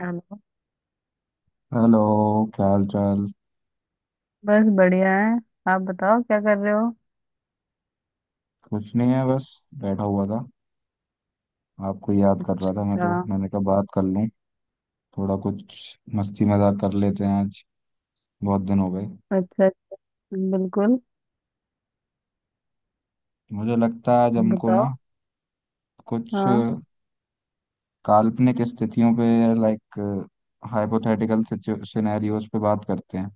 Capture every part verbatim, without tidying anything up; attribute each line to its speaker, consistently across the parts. Speaker 1: Hello.
Speaker 2: Hello. क्या हाल चाल।
Speaker 1: बस बढ़िया है। आप बताओ क्या कर रहे हो।
Speaker 2: कुछ नहीं है, बस बैठा हुआ था। आपको याद कर रहा था मैं,
Speaker 1: अच्छा।
Speaker 2: तो मैंने कहा बात कर लूं। थोड़ा कुछ मस्ती मजाक कर लेते हैं आज, बहुत दिन हो गए।
Speaker 1: अच्छा। बिल्कुल।
Speaker 2: मुझे लगता है आज हमको ना
Speaker 1: बताओ।
Speaker 2: कुछ
Speaker 1: हाँ।
Speaker 2: काल्पनिक स्थितियों पे, लाइक हाइपोथेटिकल सिनेरियोज पे बात करते हैं।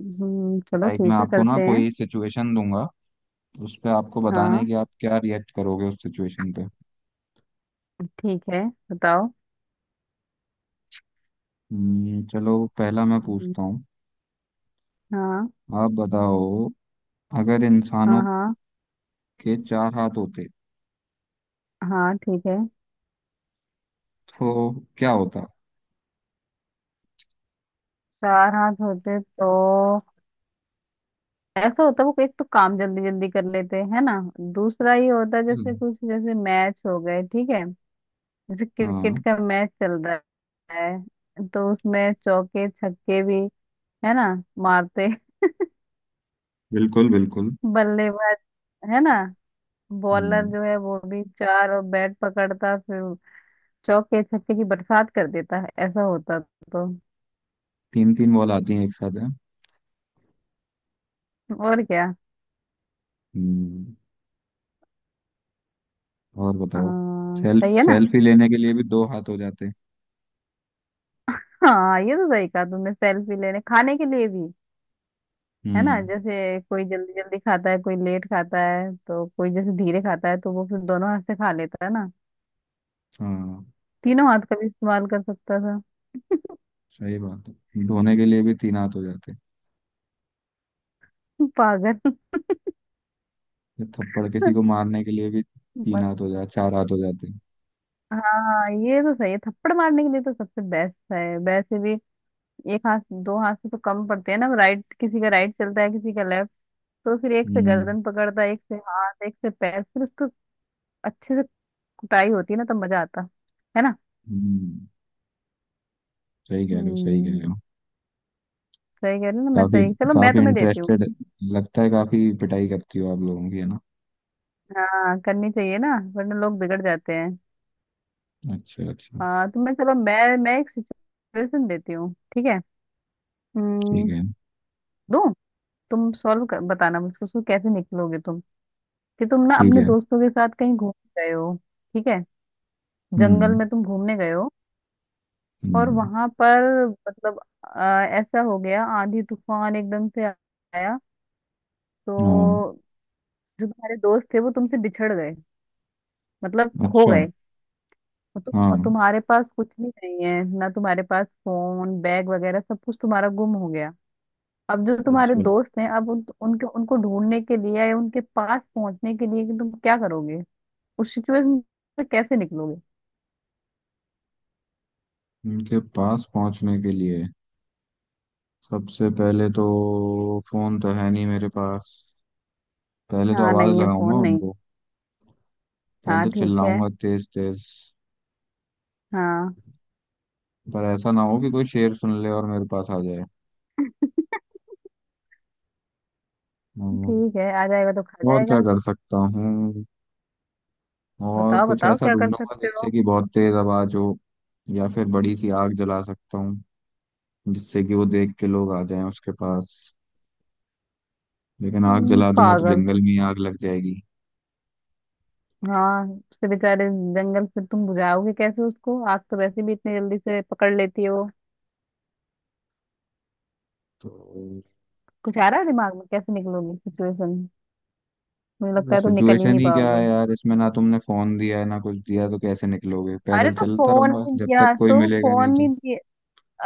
Speaker 1: हम्म, चलो
Speaker 2: लाइक मैं
Speaker 1: ठीक है
Speaker 2: आपको ना
Speaker 1: करते हैं।
Speaker 2: कोई सिचुएशन दूंगा, उस पे आपको बताना है
Speaker 1: हाँ
Speaker 2: कि आप क्या रिएक्ट करोगे उस सिचुएशन पे।
Speaker 1: ठीक है। बताओ।
Speaker 2: हम्म, चलो पहला मैं
Speaker 1: हम्म।
Speaker 2: पूछता हूँ।
Speaker 1: हाँ
Speaker 2: आप बताओ, अगर इंसानों
Speaker 1: हाँ। हाँ।
Speaker 2: के चार हाथ होते
Speaker 1: हाँ ठीक है।
Speaker 2: तो क्या होता।
Speaker 1: चार हाथ होते तो ऐसा होता। वो एक तो काम जल्दी जल्दी कर लेते हैं ना। दूसरा ये होता है, जैसे
Speaker 2: हम्म,
Speaker 1: कुछ जैसे मैच हो गए ठीक है, जैसे क्रिकेट
Speaker 2: हाँ।
Speaker 1: का मैच चल रहा है तो उसमें चौके छक्के भी है ना मारते
Speaker 2: बिल्कुल बिल्कुल।
Speaker 1: बल्लेबाज, है ना। बॉलर
Speaker 2: हम्म
Speaker 1: जो है वो भी चार और बैट पकड़ता फिर चौके छक्के की बरसात कर देता है। ऐसा होता तो।
Speaker 2: तीन तीन बॉल आती हैं एक साथ है।
Speaker 1: और क्या।
Speaker 2: हम्म और बताओ।
Speaker 1: हाँ,
Speaker 2: सेल्फ
Speaker 1: सही है ना।
Speaker 2: सेल्फी लेने के लिए भी दो हाथ हो जाते।
Speaker 1: हाँ ये तो सही कहा तुमने, सेल्फी लेने खाने के लिए भी, है ना।
Speaker 2: हम्म
Speaker 1: जैसे कोई जल्दी जल्दी खाता है, कोई लेट खाता है, तो कोई जैसे धीरे खाता है तो वो फिर दोनों हाथ से खा लेता है ना।
Speaker 2: हाँ,
Speaker 1: तीनों हाथ का भी इस्तेमाल कर सकता था।
Speaker 2: सही बात है, धोने के लिए भी तीन हाथ हो जाते।
Speaker 1: पागल।
Speaker 2: या थप्पड़ किसी को मारने के लिए भी तीन
Speaker 1: मत-
Speaker 2: हाथ हो जाते, चार हाथ हो जाते।
Speaker 1: हाँ ये तो सही है, थप्पड़ मारने के लिए तो सबसे बेस्ट है। वैसे भी एक हाथ दो हाथ से तो कम पड़ते हैं ना। राइट, किसी का राइट चलता है किसी का लेफ्ट। तो फिर एक से
Speaker 2: हम्म
Speaker 1: गर्दन पकड़ता है, एक से हाथ, एक से पैर, फिर उसको अच्छे से कुटाई होती है ना, तब मजा आता है ना।
Speaker 2: हम्म सही कह रहे हो, सही कह
Speaker 1: हम्म।
Speaker 2: रहे हो।
Speaker 1: सही कह रही हूँ ना मैं।
Speaker 2: काफी
Speaker 1: सही, चलो मैं
Speaker 2: काफी
Speaker 1: तुम्हें देती हूँ।
Speaker 2: इंटरेस्टेड लगता है, काफी पिटाई करती हो आप लोगों की, है ना।
Speaker 1: हाँ करनी चाहिए ना, वरना लोग बिगड़ जाते हैं।
Speaker 2: अच्छा अच्छा।
Speaker 1: हाँ तुम्हें चलो मैं मैं एक सिचुएशन देती हूँ ठीक है।
Speaker 2: ठीक
Speaker 1: हम्म।
Speaker 2: है।
Speaker 1: दूँ। तुम सॉल्व कर बताना मुझको, उसको कैसे निकलोगे तुम। कि तुम ना
Speaker 2: ठीक
Speaker 1: अपने
Speaker 2: है।
Speaker 1: दोस्तों के साथ कहीं घूमने गए हो। ठीक है। जंगल
Speaker 2: हम्म
Speaker 1: में तुम घूमने गए हो और
Speaker 2: हम्म,
Speaker 1: वहां पर मतलब अ, ऐसा हो गया, आंधी तूफान एकदम से आया
Speaker 2: हाँ।
Speaker 1: तो जो तुम्हारे दोस्त थे वो तुमसे बिछड़ गए, मतलब खो
Speaker 2: अच्छा।
Speaker 1: गए। और तुम
Speaker 2: हाँ।
Speaker 1: और तुम्हारे पास कुछ भी नहीं है ना, तुम्हारे पास फोन बैग वगैरह सब कुछ तुम्हारा गुम हो गया। अब जो तुम्हारे
Speaker 2: अच्छा,
Speaker 1: दोस्त हैं, अब उन, उनके उनको ढूंढने के लिए या उनके पास पहुंचने के लिए कि तुम क्या करोगे, उस सिचुएशन से कैसे निकलोगे।
Speaker 2: उनके पास पहुंचने के लिए सबसे पहले तो फोन तो है नहीं मेरे पास। पहले तो
Speaker 1: हाँ
Speaker 2: आवाज
Speaker 1: नहीं है,
Speaker 2: लगाऊंगा
Speaker 1: फोन नहीं।
Speaker 2: उनको, पहले
Speaker 1: हाँ
Speaker 2: तो
Speaker 1: ठीक है।
Speaker 2: चिल्लाऊंगा तेज तेज।
Speaker 1: हाँ
Speaker 2: पर ऐसा ना हो कि कोई शेर सुन ले और मेरे पास आ जाए। हम्म,
Speaker 1: ठीक है, आ जाएगा तो खा
Speaker 2: और क्या
Speaker 1: जाएगा।
Speaker 2: कर सकता हूँ। और
Speaker 1: बताओ
Speaker 2: कुछ
Speaker 1: बताओ,
Speaker 2: ऐसा
Speaker 1: क्या कर
Speaker 2: ढूंढूंगा
Speaker 1: सकते हो।
Speaker 2: जिससे कि बहुत तेज आवाज हो। या फिर बड़ी सी आग जला सकता हूँ, जिससे कि वो देख के लोग आ जाएं उसके पास। लेकिन आग
Speaker 1: हम्म,
Speaker 2: जला दूंगा तो
Speaker 1: पागल।
Speaker 2: जंगल में ही आग लग जाएगी।
Speaker 1: हाँ। उसके बेचारे जंगल से तुम बुझाओगे कैसे उसको, आग तो वैसे भी इतनी जल्दी से पकड़ लेती है वो।
Speaker 2: तो
Speaker 1: कुछ आ रहा है दिमाग में, कैसे निकलोगी सिचुएशन। मुझे लगता है तुम निकल ही
Speaker 2: सिचुएशन
Speaker 1: नहीं
Speaker 2: ही क्या है
Speaker 1: पाओगे।
Speaker 2: यार इसमें, ना तुमने फोन दिया है ना कुछ दिया, तो कैसे निकलोगे।
Speaker 1: अरे
Speaker 2: पैदल
Speaker 1: तो
Speaker 2: चलता
Speaker 1: फोन
Speaker 2: रहूंगा
Speaker 1: नहीं
Speaker 2: जब तक
Speaker 1: दिया
Speaker 2: कोई
Speaker 1: तो
Speaker 2: मिलेगा
Speaker 1: फोन
Speaker 2: नहीं तो।
Speaker 1: नहीं दिया।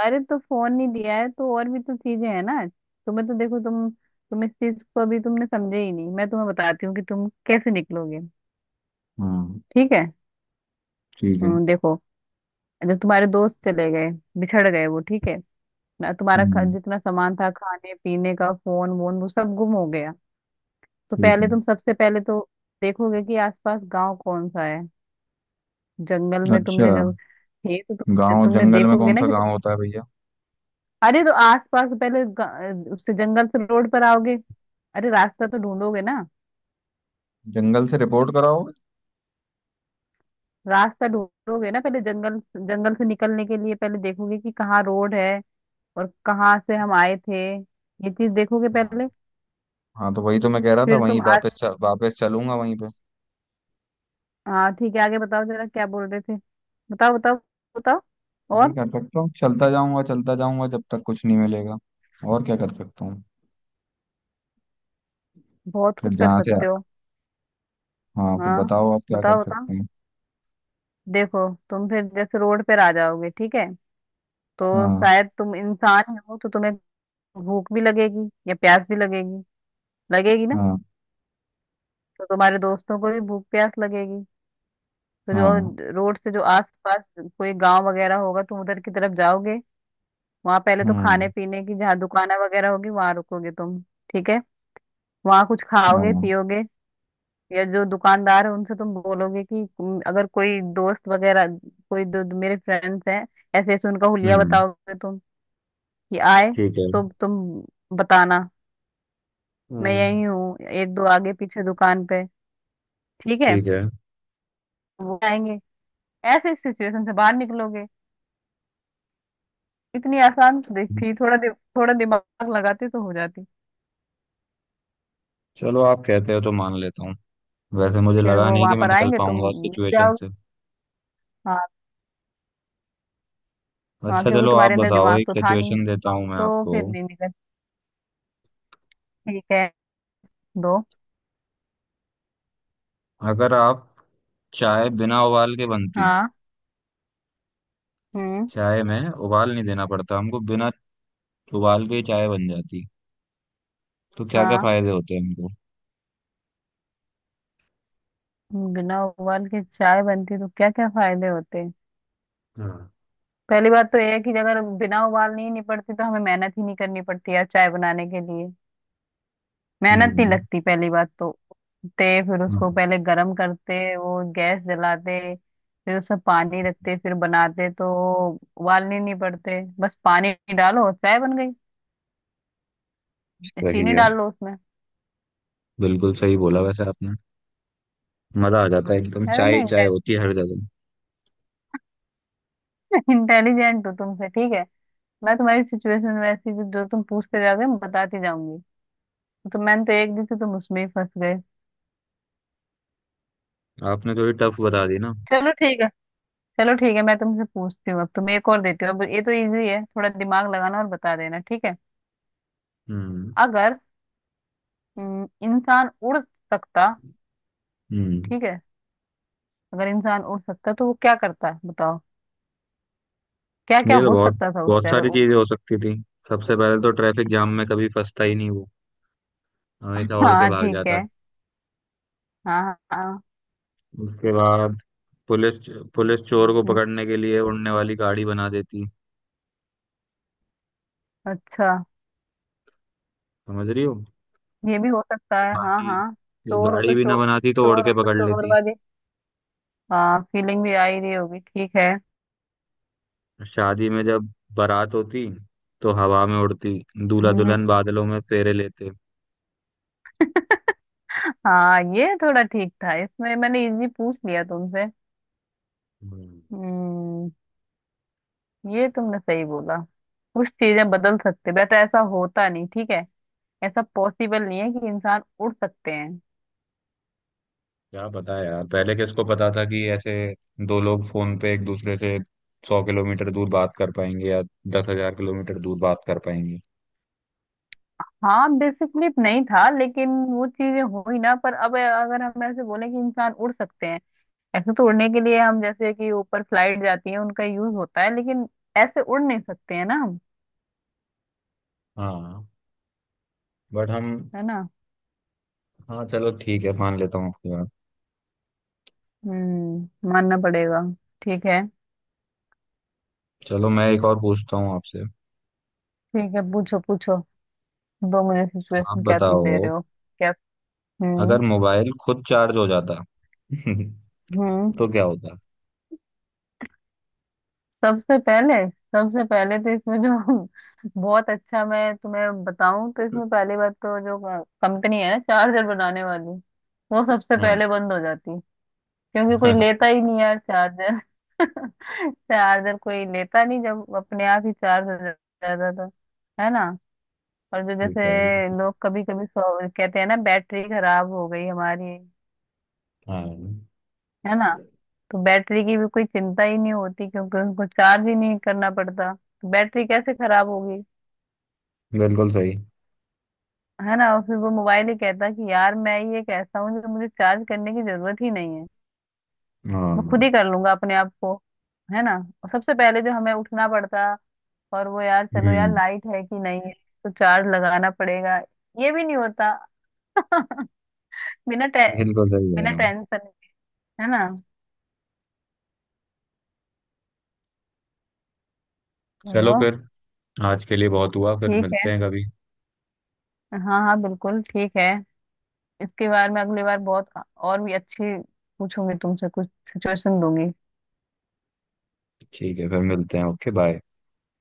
Speaker 1: अरे तो फोन नहीं दिया है तो और भी तो चीजें हैं ना। तुम्हें तो देखो, तुम तुम इस चीज को अभी तुमने समझे ही नहीं। मैं तुम्हें बताती हूँ कि तुम कैसे निकलोगे।
Speaker 2: हाँ
Speaker 1: ठीक है।
Speaker 2: ठीक है।
Speaker 1: हम्म, देखो जब तुम्हारे दोस्त चले गए, बिछड़ गए वो ठीक है ना, तुम्हारा खा-
Speaker 2: हम्म
Speaker 1: जितना सामान था खाने पीने का, फोन वोन वो सब गुम हो गया। तो
Speaker 2: ठीक
Speaker 1: पहले तुम, सबसे पहले तो देखोगे कि आसपास गांव कौन सा है। जंगल
Speaker 2: है।
Speaker 1: में
Speaker 2: अच्छा,
Speaker 1: तुमने जब थे तो तुम,
Speaker 2: गांव
Speaker 1: तुमने
Speaker 2: जंगल में
Speaker 1: देखोगे
Speaker 2: कौन
Speaker 1: ना
Speaker 2: सा
Speaker 1: कि,
Speaker 2: गांव होता है भैया।
Speaker 1: अरे तो आसपास पहले गा- उससे जंगल से रोड पर आओगे। अरे रास्ता तो ढूंढोगे ना।
Speaker 2: जंगल से रिपोर्ट कराओगे।
Speaker 1: रास्ता ढूंढोगे ना पहले, जंगल, जंगल से निकलने के लिए पहले देखोगे कि कहाँ रोड है और कहाँ से हम आए थे। ये चीज देखोगे
Speaker 2: हाँ,
Speaker 1: पहले।
Speaker 2: हाँ तो वही तो मैं कह रहा था,
Speaker 1: फिर
Speaker 2: वहीं
Speaker 1: तुम,
Speaker 2: वापस च- वापस चलूंगा वहीं पे।
Speaker 1: हाँ ठीक है आगे बताओ जरा, क्या बोल रहे थे। बताओ बताओ। बताओ।
Speaker 2: यही
Speaker 1: और।
Speaker 2: कर सकता हूँ, चलता जाऊंगा चलता जाऊंगा जब तक कुछ नहीं मिलेगा। और क्या कर सकता हूँ।
Speaker 1: बहुत
Speaker 2: फिर
Speaker 1: कुछ कर
Speaker 2: जहाँ से,
Speaker 1: सकते हो।
Speaker 2: हाँ फिर
Speaker 1: हाँ
Speaker 2: बताओ आप क्या कर
Speaker 1: बताओ बताओ।
Speaker 2: सकते हैं।
Speaker 1: देखो तुम फिर जैसे रोड पर आ जाओगे ठीक है, तो
Speaker 2: हाँ
Speaker 1: शायद तुम इंसान ही हो तो तुम्हें भूख भी लगेगी या प्यास भी लगेगी। लगेगी ना।
Speaker 2: हाँ
Speaker 1: तो तुम्हारे दोस्तों को भी भूख प्यास लगेगी। तो
Speaker 2: हाँ।
Speaker 1: जो रोड से जो आसपास कोई गांव वगैरह होगा तुम उधर की तरफ जाओगे। वहां पहले तो
Speaker 2: हम्म
Speaker 1: खाने पीने की जहाँ दुकानें वगैरह होगी वहां रुकोगे तुम, ठीक है। वहां कुछ खाओगे
Speaker 2: हाँ।
Speaker 1: पियोगे या जो दुकानदार है उनसे तुम बोलोगे कि तुम- अगर कोई दोस्त वगैरह, कोई दो, दो मेरे फ्रेंड्स हैं ऐसे ऐसे, उनका हुलिया
Speaker 2: हम्म
Speaker 1: बताओगे तुम, कि आए
Speaker 2: ठीक है।
Speaker 1: तो तुम बताना, मैं
Speaker 2: हम्म
Speaker 1: यही हूँ एक दो आगे पीछे दुकान पे। ठीक है,
Speaker 2: ठीक है।
Speaker 1: वो आएंगे। ऐसे सिचुएशन से बाहर निकलोगे। इतनी आसान तो दिख- थी, थोड़ा दि, थोड़ा दिमाग लगाती तो हो जाती।
Speaker 2: चलो आप कहते हो तो मान लेता हूँ, वैसे मुझे
Speaker 1: फिर
Speaker 2: लगा
Speaker 1: वो
Speaker 2: नहीं
Speaker 1: वहां
Speaker 2: कि मैं
Speaker 1: पर
Speaker 2: निकल
Speaker 1: आएंगे, तुम
Speaker 2: पाऊंगा उस
Speaker 1: मिल
Speaker 2: सिचुएशन
Speaker 1: जाओगे।
Speaker 2: से।
Speaker 1: हाँ। हाँ
Speaker 2: अच्छा,
Speaker 1: क्योंकि
Speaker 2: चलो आप
Speaker 1: तुम्हारे अंदर
Speaker 2: बताओ,
Speaker 1: दिमाग
Speaker 2: एक
Speaker 1: तो था नहीं
Speaker 2: सिचुएशन देता हूँ मैं
Speaker 1: तो
Speaker 2: आपको।
Speaker 1: फिर नहीं निकल। ठीक है। दो।
Speaker 2: अगर आप, चाय बिना उबाल के बनती,
Speaker 1: हाँ। हम्म।
Speaker 2: चाय में उबाल नहीं देना पड़ता हमको, बिना उबाल के ही चाय बन जाती, तो क्या क्या
Speaker 1: हाँ,
Speaker 2: फायदे होते हैं हमको।
Speaker 1: बिना उबाल के चाय बनती तो क्या क्या फायदे होते हैं।
Speaker 2: हाँ।
Speaker 1: पहली बात तो यह है कि अगर बिना उबाल नहीं निपटती तो हमें मेहनत ही नहीं करनी पड़ती यार चाय बनाने के लिए। मेहनत नहीं
Speaker 2: हम्म
Speaker 1: लगती पहली बात तो। ते फिर
Speaker 2: हाँ,
Speaker 1: उसको पहले गरम करते, वो गैस जलाते फिर उसमें पानी रखते फिर बनाते तो, उबालने नहीं पड़ते, बस पानी डालो चाय बन गई।
Speaker 2: सही
Speaker 1: चीनी
Speaker 2: है।
Speaker 1: डाल लो उसमें।
Speaker 2: बिल्कुल सही बोला वैसे आपने, मजा आ जाता है एकदम,
Speaker 1: अरे
Speaker 2: चाय ही
Speaker 1: मैं
Speaker 2: चाय होती है हर जगह।
Speaker 1: इंटेलिजेंट हूँ तुमसे ठीक है। मैं तुम्हारी सिचुएशन वैसी, जो जो तुम पूछते जाओगे मैं बताती जाऊंगी। तो मैंने तो एक दी थी, तुम उसमें ही फंस गए।
Speaker 2: आपने तो ये टफ बता दी ना।
Speaker 1: चलो ठीक है। चलो ठीक है मैं तुमसे पूछती हूँ। अब तुम एक और देती हो अब, ये तो इजी है, थोड़ा दिमाग लगाना और बता देना। ठीक है
Speaker 2: हम्म
Speaker 1: अगर, हम्म, इंसान उड़ सकता
Speaker 2: हम्म
Speaker 1: ठीक है, अगर इंसान उड़ सकता तो वो क्या करता है बताओ। क्या क्या
Speaker 2: ये तो
Speaker 1: हो
Speaker 2: बहुत,
Speaker 1: सकता था
Speaker 2: बहुत
Speaker 1: उससे अगर
Speaker 2: सारी
Speaker 1: उड़।
Speaker 2: चीजें हो सकती थी। सबसे पहले तो ट्रैफिक जाम में कभी फंसता ही नहीं वो, हमेशा उड़ के
Speaker 1: हाँ
Speaker 2: भाग
Speaker 1: ठीक है।
Speaker 2: जाता।
Speaker 1: हाँ हाँ हाँ।
Speaker 2: उसके बाद, पुलिस पुलिस चोर को
Speaker 1: हम्म,
Speaker 2: पकड़ने के लिए उड़ने वाली गाड़ी बना देती।
Speaker 1: अच्छा,
Speaker 2: समझ रही हो।
Speaker 1: ये भी हो सकता
Speaker 2: और
Speaker 1: है, हाँ
Speaker 2: बाकी,
Speaker 1: हाँ।
Speaker 2: ये
Speaker 1: चोर हो
Speaker 2: गाड़ी
Speaker 1: तो
Speaker 2: भी ना
Speaker 1: चोर,
Speaker 2: बनाती तो उड़
Speaker 1: चोर हो
Speaker 2: के
Speaker 1: तो
Speaker 2: पकड़
Speaker 1: चोर
Speaker 2: लेती।
Speaker 1: वाली हाँ फीलिंग भी आ ही रही होगी ठीक है।
Speaker 2: शादी में जब बारात होती तो हवा में उड़ती, दूल्हा
Speaker 1: हम्म हम्म।
Speaker 2: दुल्हन बादलों में फेरे लेते।
Speaker 1: हाँ ये थोड़ा ठीक था, इसमें मैंने इजी पूछ लिया तुमसे।
Speaker 2: हम्म,
Speaker 1: हम्म। ये तुमने सही बोला। कुछ चीजें बदल सकते वैसे, ऐसा होता नहीं ठीक है। ऐसा पॉसिबल नहीं है कि इंसान उड़ सकते हैं।
Speaker 2: क्या पता है यार, पहले किसको पता था कि ऐसे दो लोग फोन पे एक दूसरे से सौ किलोमीटर दूर बात कर पाएंगे, या दस हजार किलोमीटर दूर बात कर पाएंगे।
Speaker 1: हाँ बेसिकली नहीं था लेकिन वो चीजें हुई ना, पर अब अगर हम ऐसे बोले कि इंसान उड़ सकते हैं, ऐसे तो। उड़ने के लिए हम जैसे कि ऊपर फ्लाइट जाती है उनका यूज होता है लेकिन ऐसे उड़ नहीं सकते हैं ना हम,
Speaker 2: हाँ। बट हम
Speaker 1: है ना।
Speaker 2: हाँ चलो ठीक है मान लेता हूँ आपकी बात।
Speaker 1: हम्म, मानना पड़ेगा। ठीक है।
Speaker 2: चलो मैं एक और पूछता हूँ आपसे।
Speaker 1: ठीक है पूछो पूछो, दो मुझे,
Speaker 2: आप
Speaker 1: सिचुएशन क्या तुम दे
Speaker 2: बताओ,
Speaker 1: रहे हो। क्या।
Speaker 2: अगर
Speaker 1: हम्म।
Speaker 2: मोबाइल खुद चार्ज हो जाता
Speaker 1: हम्म।
Speaker 2: तो क्या होता।
Speaker 1: सबसे पहले, सबसे पहले तो इसमें जो, बहुत अच्छा, मैं तुम्हें बताऊं तो इसमें पहली बात तो जो कंपनी है ना चार्जर बनाने वाली, वो सबसे
Speaker 2: हाँ।
Speaker 1: पहले बंद हो जाती क्योंकि कोई लेता ही नहीं यार चार्जर। चार्जर कोई लेता नहीं जब अपने आप ही चार्ज हो जाता था, है ना। और जो जैसे
Speaker 2: ठीक है।
Speaker 1: लोग कभी कभी कहते हैं ना, बैटरी खराब हो गई हमारी,
Speaker 2: हाँ
Speaker 1: है ना। तो बैटरी की भी कोई चिंता ही नहीं होती क्योंकि उनको चार्ज ही नहीं करना पड़ता तो बैटरी कैसे खराब होगी।
Speaker 2: बिल्कुल सही।
Speaker 1: है ना। और फिर वो मोबाइल ही कहता है कि यार मैं ये कैसा हूँ जो मुझे चार्ज करने की जरूरत ही नहीं है। मैं खुद
Speaker 2: हाँ।
Speaker 1: ही कर लूंगा अपने आप को, है ना। और सबसे पहले जो हमें उठना पड़ता और वो, यार चलो यार
Speaker 2: हम्म
Speaker 1: लाइट है कि नहीं है तो चार्ज लगाना पड़ेगा, ये भी नहीं होता। बिना टे,
Speaker 2: बिल्कुल सही कह
Speaker 1: बिना
Speaker 2: रहे हो।
Speaker 1: टेंशन, है ना।
Speaker 2: चलो
Speaker 1: चलो।
Speaker 2: फिर, आज के लिए बहुत हुआ, फिर
Speaker 1: ठीक है।
Speaker 2: मिलते हैं कभी।
Speaker 1: हाँ हाँ बिल्कुल ठीक है। इसके बारे में अगली बार बहुत, और भी अच्छी पूछूंगी तुमसे, कुछ सिचुएशन दूंगी।
Speaker 2: ठीक है, फिर मिलते हैं, ओके बाय।